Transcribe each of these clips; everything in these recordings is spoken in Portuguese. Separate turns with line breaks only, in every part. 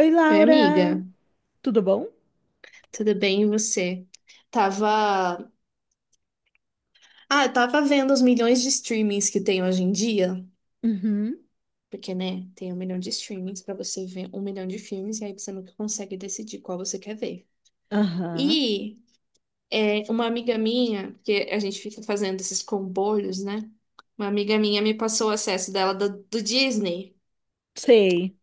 Oi,
Oi, amiga.
Laura, tudo bom?
Tudo bem, e você? Tava. Ah, eu tava vendo os milhões de streamings que tem hoje em dia.
Uhum,
Porque, né, tem um milhão de streamings pra você ver um milhão de filmes e aí você nunca consegue decidir qual você quer ver.
aham,
E uma amiga minha, porque a gente fica fazendo esses comboios, né? Uma amiga minha me passou o acesso dela do Disney.
sei.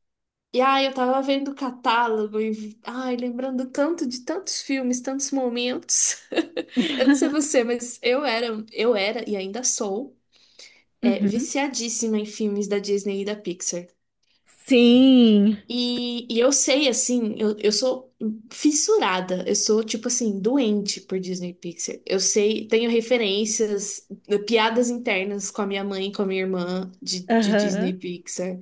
E ai, eu tava vendo o catálogo e ai, lembrando tanto de tantos filmes, tantos momentos. Eu não sei você, mas eu era e ainda sou,
Uhum.
viciadíssima em filmes da Disney e da Pixar.
Sim,
E eu sei, assim, eu sou fissurada, eu sou, tipo assim, doente por Disney e Pixar. Eu sei, tenho referências, piadas internas com a minha mãe e com a minha irmã de Disney
aham,
e Pixar.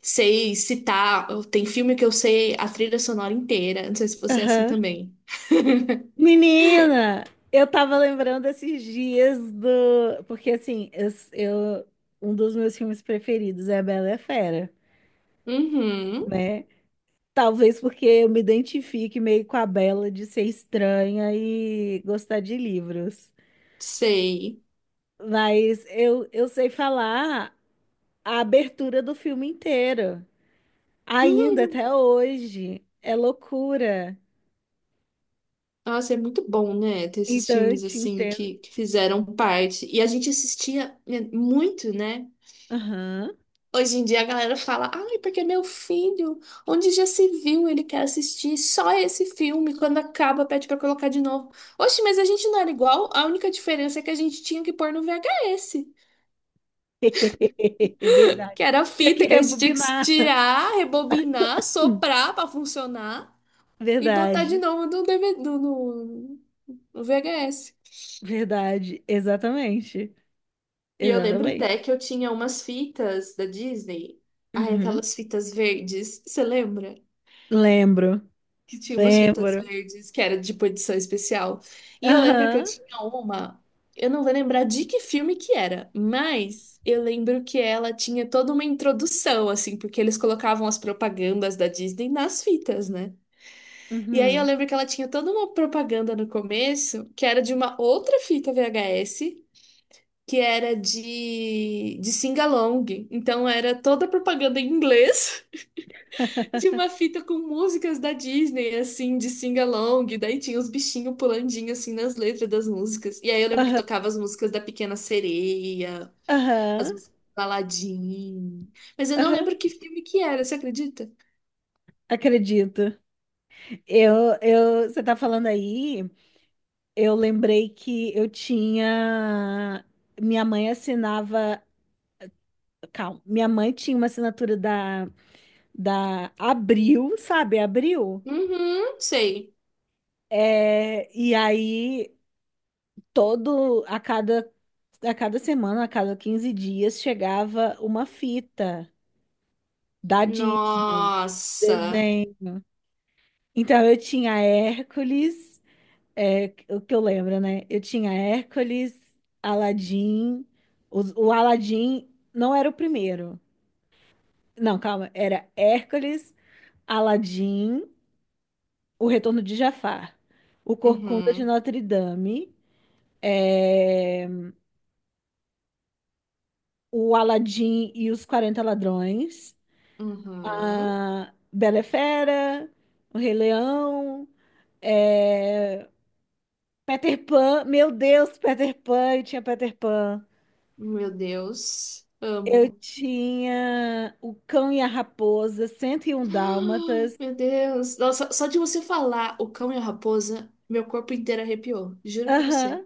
Sei citar, tem filme que eu sei a trilha sonora inteira. Não sei se você é assim
aham.
também.
Menina, eu tava lembrando esses dias. Porque, assim, um dos meus filmes preferidos é a Bela e a Fera,
Uhum,
né? Talvez porque eu me identifique meio com a Bela de ser estranha e gostar de livros.
sei.
Mas eu sei falar a abertura do filme inteiro. Ainda
Uhum.
até hoje. É loucura.
Nossa, é muito bom, né? Ter esses
Então eu
filmes
te
assim
entendo.
que fizeram parte. E a gente assistia, né, muito, né?
Aham.
Hoje em dia a galera fala, ai, porque meu filho, onde já se viu, ele quer assistir só esse filme. Quando acaba, pede pra colocar de novo. Oxe, mas a gente não era igual, a única diferença é que a gente tinha que pôr no VHS.
É verdade.
Que era a
Tinha
fita
que
que a gente tinha que
rebobinar.
tirar, rebobinar,
Hum.
soprar pra funcionar e botar de
Verdade.
novo no, DVD, no VHS.
Verdade. Exatamente.
E eu lembro
Exatamente.
até que eu tinha umas fitas da Disney. Ai,
Uhum.
aquelas fitas verdes. Você lembra?
Lembro.
Que tinha umas fitas
Lembro.
verdes que era de edição especial. E eu lembro que eu
Aham.
tinha uma. Eu não vou lembrar de que filme que era, mas eu lembro que ela tinha toda uma introdução, assim, porque eles colocavam as propagandas da Disney nas fitas, né? E aí eu
Uhum.
lembro que ela tinha toda uma propaganda no começo, que era de uma outra fita VHS, que era de sing-along. Então era toda propaganda em inglês de uma fita com músicas da Disney, assim, de sing-along. Daí tinha os bichinhos pulandinho, assim, nas letras das músicas. E aí eu lembro que
Aham.
tocava as músicas da Pequena Sereia,
Aham.
as músicas do Aladdin. Mas eu não
Aham.
lembro que filme que era, você acredita?
Acredito. Você tá falando aí, eu lembrei que eu tinha. Minha mãe assinava. Calma. Minha mãe tinha uma assinatura da Abril, sabe? Abril.
Uhum, sei.
É, e aí, todo, a cada, a cada semana, a cada 15 dias, chegava uma fita da Disney,
Nossa.
desenho. Então, eu tinha Hércules, é, o que eu lembro, né? Eu tinha Hércules, Aladim o o Aladim não era o primeiro. Não, calma, era Hércules, Aladim, O Retorno de Jafar, O Corcunda de
Uhum.
Notre Dame, é, O Aladim e os 40 Ladrões,
Uhum.
a Bela e Fera, O Rei Leão, é, Peter Pan, meu Deus, Peter Pan, eu tinha Peter Pan.
Meu Deus.
Eu
Amo.
tinha O Cão e a Raposa, 101 Dálmatas.
Meu Deus. Nossa, só de você falar O Cão e a Raposa, meu corpo inteiro arrepiou. Juro pra você.
Aham,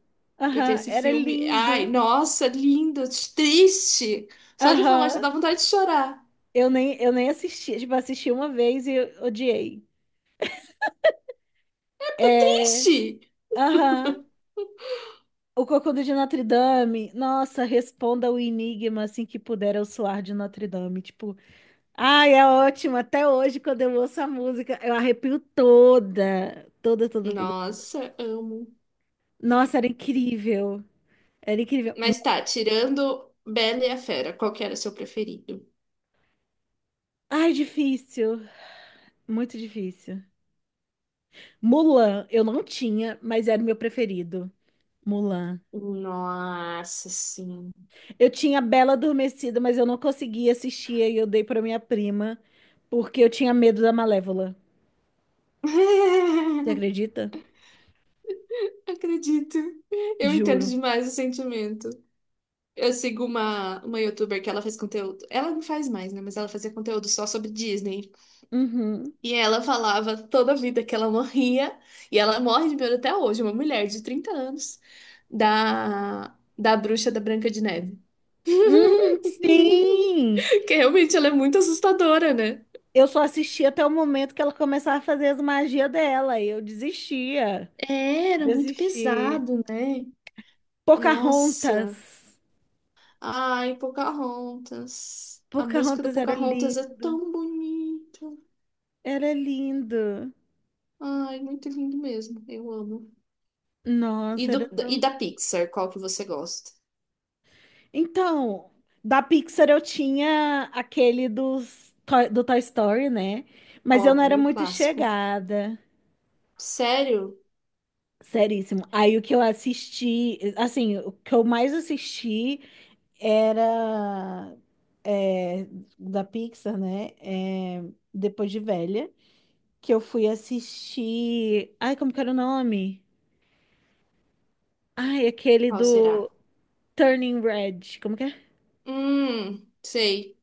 Porque
aham,
esse
era
filme. Ai,
lindo.
nossa, lindo. Triste. Só de falar já
Aham.
dá vontade de chorar.
Eu nem assisti, tipo, assisti uma vez e eu odiei. É.
Triste.
Aham. O Cocudo de Notre Dame. Nossa, responda o enigma assim que puder eu suar de Notre Dame. Tipo, ai, é ótimo. Até hoje, quando eu ouço a música, eu arrepio toda. Toda, toda, toda.
Nossa, amo.
Nossa, era incrível. Era incrível.
Mas tá, tirando Bela e a Fera, qual que era o seu preferido?
Ai, difícil. Muito difícil. Mulan, eu não tinha, mas era o meu preferido. Mulan.
Nossa, sim.
Eu tinha Bela Adormecida, mas eu não conseguia assistir e eu dei pra minha prima, porque eu tinha medo da Malévola. Você acredita?
Acredito. Eu entendo
Juro.
demais o sentimento. Eu sigo uma youtuber que ela faz conteúdo. Ela não faz mais, né? Mas ela fazia conteúdo só sobre Disney.
Uhum.
E ela falava toda a vida que ela morria. E ela morre de medo até hoje, uma mulher de 30 anos, da bruxa da Branca de Neve.
Sim!
Que realmente ela é muito assustadora, né?
Eu só assisti até o momento que ela começava a fazer as magias dela e eu desistia.
É. Era muito
Desisti.
pesado, né? Nossa.
Pocahontas.
Ai, Pocahontas. A música do
Pocahontas era
Pocahontas é
lindo.
tão bonita.
Era lindo.
Ai, muito lindo mesmo. Eu amo. E,
Nossa, era.
do, e da Pixar, qual que você gosta?
Então, da Pixar eu tinha aquele do Toy Story, né? Mas eu não era
Óbvio,
muito
clássico.
chegada.
Sério?
Seríssimo. Aí o que eu assisti, assim, o que eu mais assisti era, é, da Pixar, né? É, depois de velha, que eu fui assistir. Ai, como que era o nome? Ai, aquele
Qual será?
do Turning Red. Como que é?
Sei.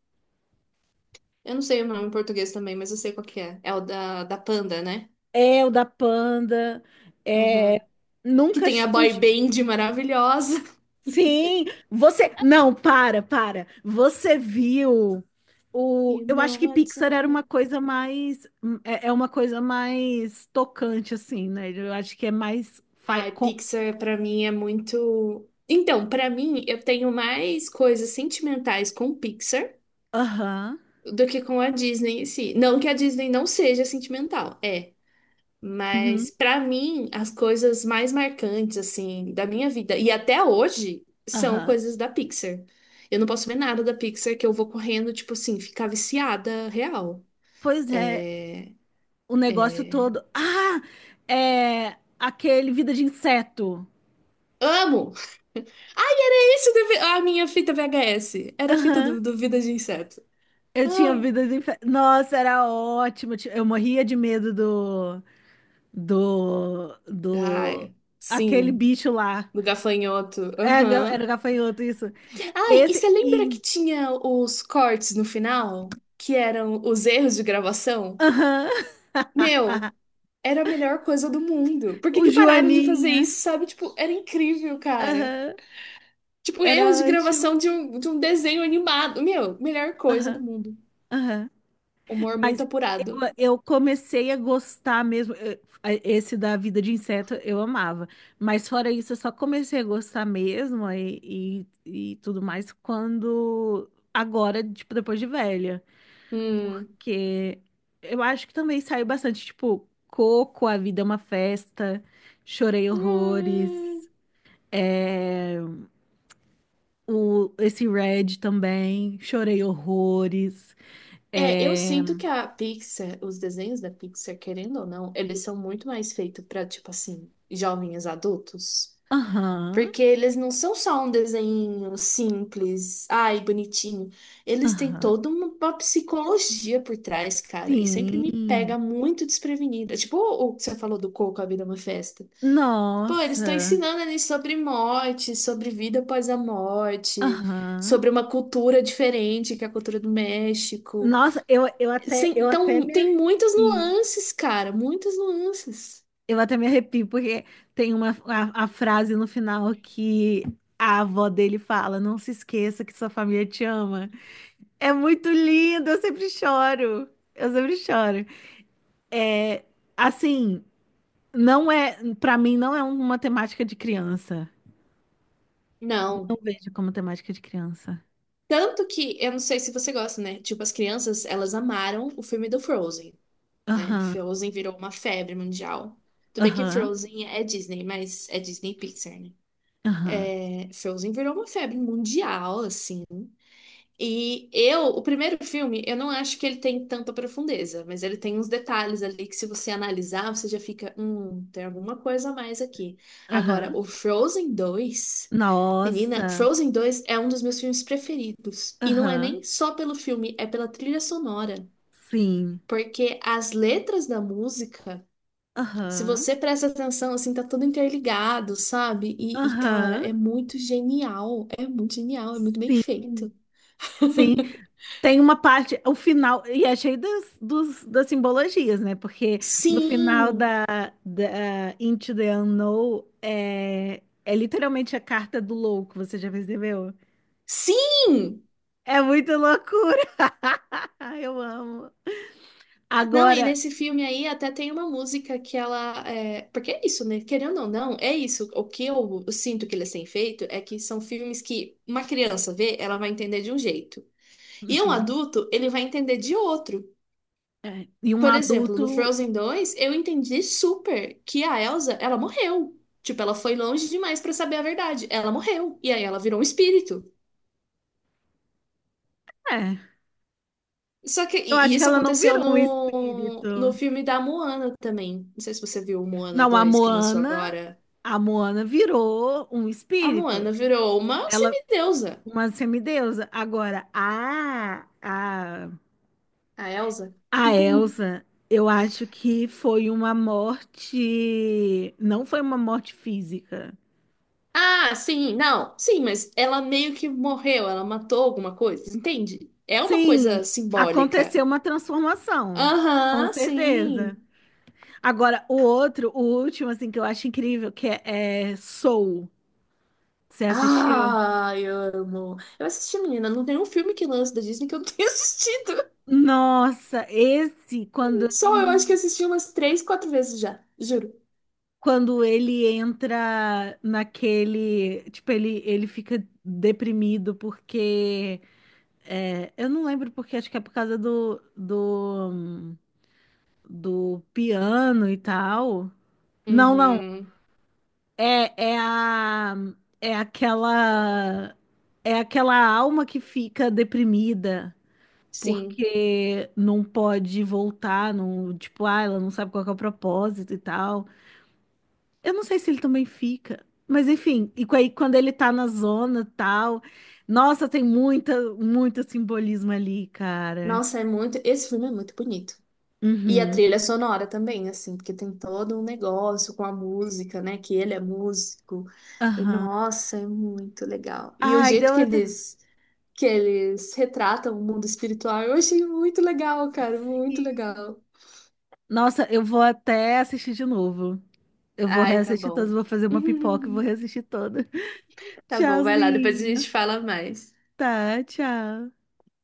Eu não sei o nome em português também, mas eu sei qual que é. É o da Panda, né?
É, o da Panda. É,
Uhum. Que
nunca
tem a
fui.
boy band maravilhosa.
Sim, você. Não, para, para. Você viu. O,
You
eu
know
acho que
what's
Pixar era
up.
uma coisa mais, é uma coisa mais tocante, assim, né? Eu acho que é mais,
Ai, Pixar pra mim é muito. Então, pra mim, eu tenho mais coisas sentimentais com Pixar
aham,
do que com a Disney em si. Não que a Disney não seja sentimental, é.
uhum,
Mas para mim, as coisas mais marcantes assim da minha vida e até hoje são
aham.
coisas da Pixar. Eu não posso ver nada da Pixar que eu vou correndo, tipo assim, ficar viciada real.
Pois é,
É,
o negócio
é.
todo. Ah, é aquele Vida de Inseto.
Amo! Ai, era isso da a minha fita VHS. Era a fita
Aham,
do Vida de Inseto.
eu tinha
Ai,
Vida de Inseto. Nossa, era ótimo. Eu morria de medo do, do,
ai,
aquele
sim,
bicho lá.
do gafanhoto.
É, era
Aham.
gafanhoto, isso.
Ai, e
Esse
você lembra
e,
que tinha os cortes no final, que eram os erros de gravação?
aham,
Meu. Era a melhor coisa do mundo. Por que
o
que pararam de fazer
Joaninha.
isso, sabe? Tipo, era incrível, cara.
Aham,
Tipo, erros de
era ótimo.
gravação de um desenho animado. Meu, melhor coisa do
Aham,
mundo.
aham.
Humor muito
Mas eu,
apurado.
eu comecei a gostar mesmo. Esse da vida de inseto eu amava. Mas fora isso, eu só comecei a gostar mesmo e tudo mais quando. Agora, tipo, depois de velha.
Hum.
Porque eu acho que também saiu bastante, tipo, Coco, A Vida é uma Festa, Chorei
Hum.
Horrores, é, esse Red também, Chorei Horrores.
É, eu
É,
sinto que a Pixar, os desenhos da Pixar, querendo ou não, eles são muito mais feitos pra, tipo assim, jovens adultos.
aham.
Porque eles não são só um desenho simples, ai, bonitinho. Eles têm
Aham.
toda uma psicologia por trás, cara. E sempre me
Sim.
pega muito desprevenida. Tipo o que você falou do Coco, A Vida é uma Festa. Pô, eles estão
Nossa.
ensinando ali sobre morte, sobre vida após a morte,
Aham.
sobre uma cultura diferente, que é a cultura do México.
Nossa, eu, eu até eu até
Então,
me
tem muitas
arrepio.
nuances, cara, muitas nuances.
Eu até me arrepio porque tem a frase no final que a avó dele fala: "Não se esqueça que sua família te ama". É muito lindo, eu sempre choro. Eu sempre choro. É, assim, não é, para mim não é uma temática de criança. Não
Não.
vejo como temática de criança.
Tanto que, eu não sei se você gosta, né? Tipo, as crianças, elas amaram o filme do Frozen, né?
Aham.
Frozen virou uma febre mundial. Tudo bem que
Aham.
Frozen é Disney, mas é Disney Pixar, né?
Aham.
É, Frozen virou uma febre mundial, assim. E eu, o primeiro filme, eu não acho que ele tem tanta profundeza, mas ele tem uns detalhes ali que se você analisar, você já fica, tem alguma coisa a mais aqui. Agora,
Aham.
o Frozen 2, menina,
Nossa.
Frozen 2 é um dos meus filmes preferidos. E não é
Aham.
nem só pelo filme, é pela trilha sonora.
Sim.
Porque as letras da música, se
Aham.
você presta atenção, assim, tá tudo interligado, sabe? E, cara,
Aham.
é muito genial. É muito genial, é muito bem
Sim.
feito.
Sim. Tem uma parte, o final, e é cheio dos, das simbologias, né? Porque no final
Sim!
da Into the Unknown é literalmente a carta do louco, você já percebeu?
Sim!
É muito loucura. Eu amo.
Não, e
Agora,
nesse filme aí até tem uma música que ela. Porque é isso, né? Querendo ou não, é isso. O que eu sinto que eles têm feito é que são filmes que uma criança vê, ela vai entender de um jeito. E um
uhum,
adulto, ele vai entender de outro.
é, e um
Por exemplo, no
adulto,
Frozen 2 eu entendi super que a Elsa, ela morreu. Tipo, ela foi longe demais pra saber a verdade. Ela morreu. E aí ela virou um espírito.
é,
Só que
eu
e
acho que
isso
ela não
aconteceu
virou um
no
espírito.
filme da Moana também. Não sei se você viu o Moana
Não,
dois que lançou agora.
A Moana virou um
A Moana
espírito.
virou uma
Ela,
semideusa,
uma semideusa. Agora, a, a,
a Elsa.
a Elsa, eu acho que foi uma morte. Não foi uma morte física.
Ah, sim, não, sim, mas ela meio que morreu, ela matou alguma coisa, entende? É uma coisa
Sim,
simbólica.
aconteceu uma transformação. Com
Aham,
certeza.
sim.
Agora, o outro, o último, assim, que eu acho incrível, que é Soul. Você assistiu?
Ah, eu amo. Eu assisti, menina, não tem um filme que lança da Disney que eu não tenha assistido.
Nossa, esse, quando
Só eu acho que
ele
assisti umas três, quatro vezes já, juro.
quando ele entra naquele, tipo, ele fica deprimido porque eu não lembro porque, acho que é por causa do piano e tal. Não, não.
Uhum.
É, é a, é aquela, é aquela alma que fica deprimida
Sim.
porque não pode voltar, não, tipo, ah, ela não sabe qual que é o propósito e tal. Eu não sei se ele também fica, mas enfim, e aí quando ele tá na zona tal, nossa, tem muito simbolismo ali, cara.
Nossa, é muito. Esse filme é muito bonito. E a
Uhum.
trilha sonora também, assim, porque tem todo um negócio com a música, né? Que ele é músico. E
Aham.
nossa, é muito legal. E o
Ai,
jeito
deu
que
até.
eles retratam o mundo espiritual, eu achei muito legal, cara, muito
Sim.
legal.
Nossa, eu vou até assistir de novo. Eu vou
Ai, tá
reassistir todas,
bom.
vou fazer uma pipoca e vou reassistir toda.
Tá bom, vai lá, depois a
Tchauzinho.
gente fala mais.
Tá, tchau.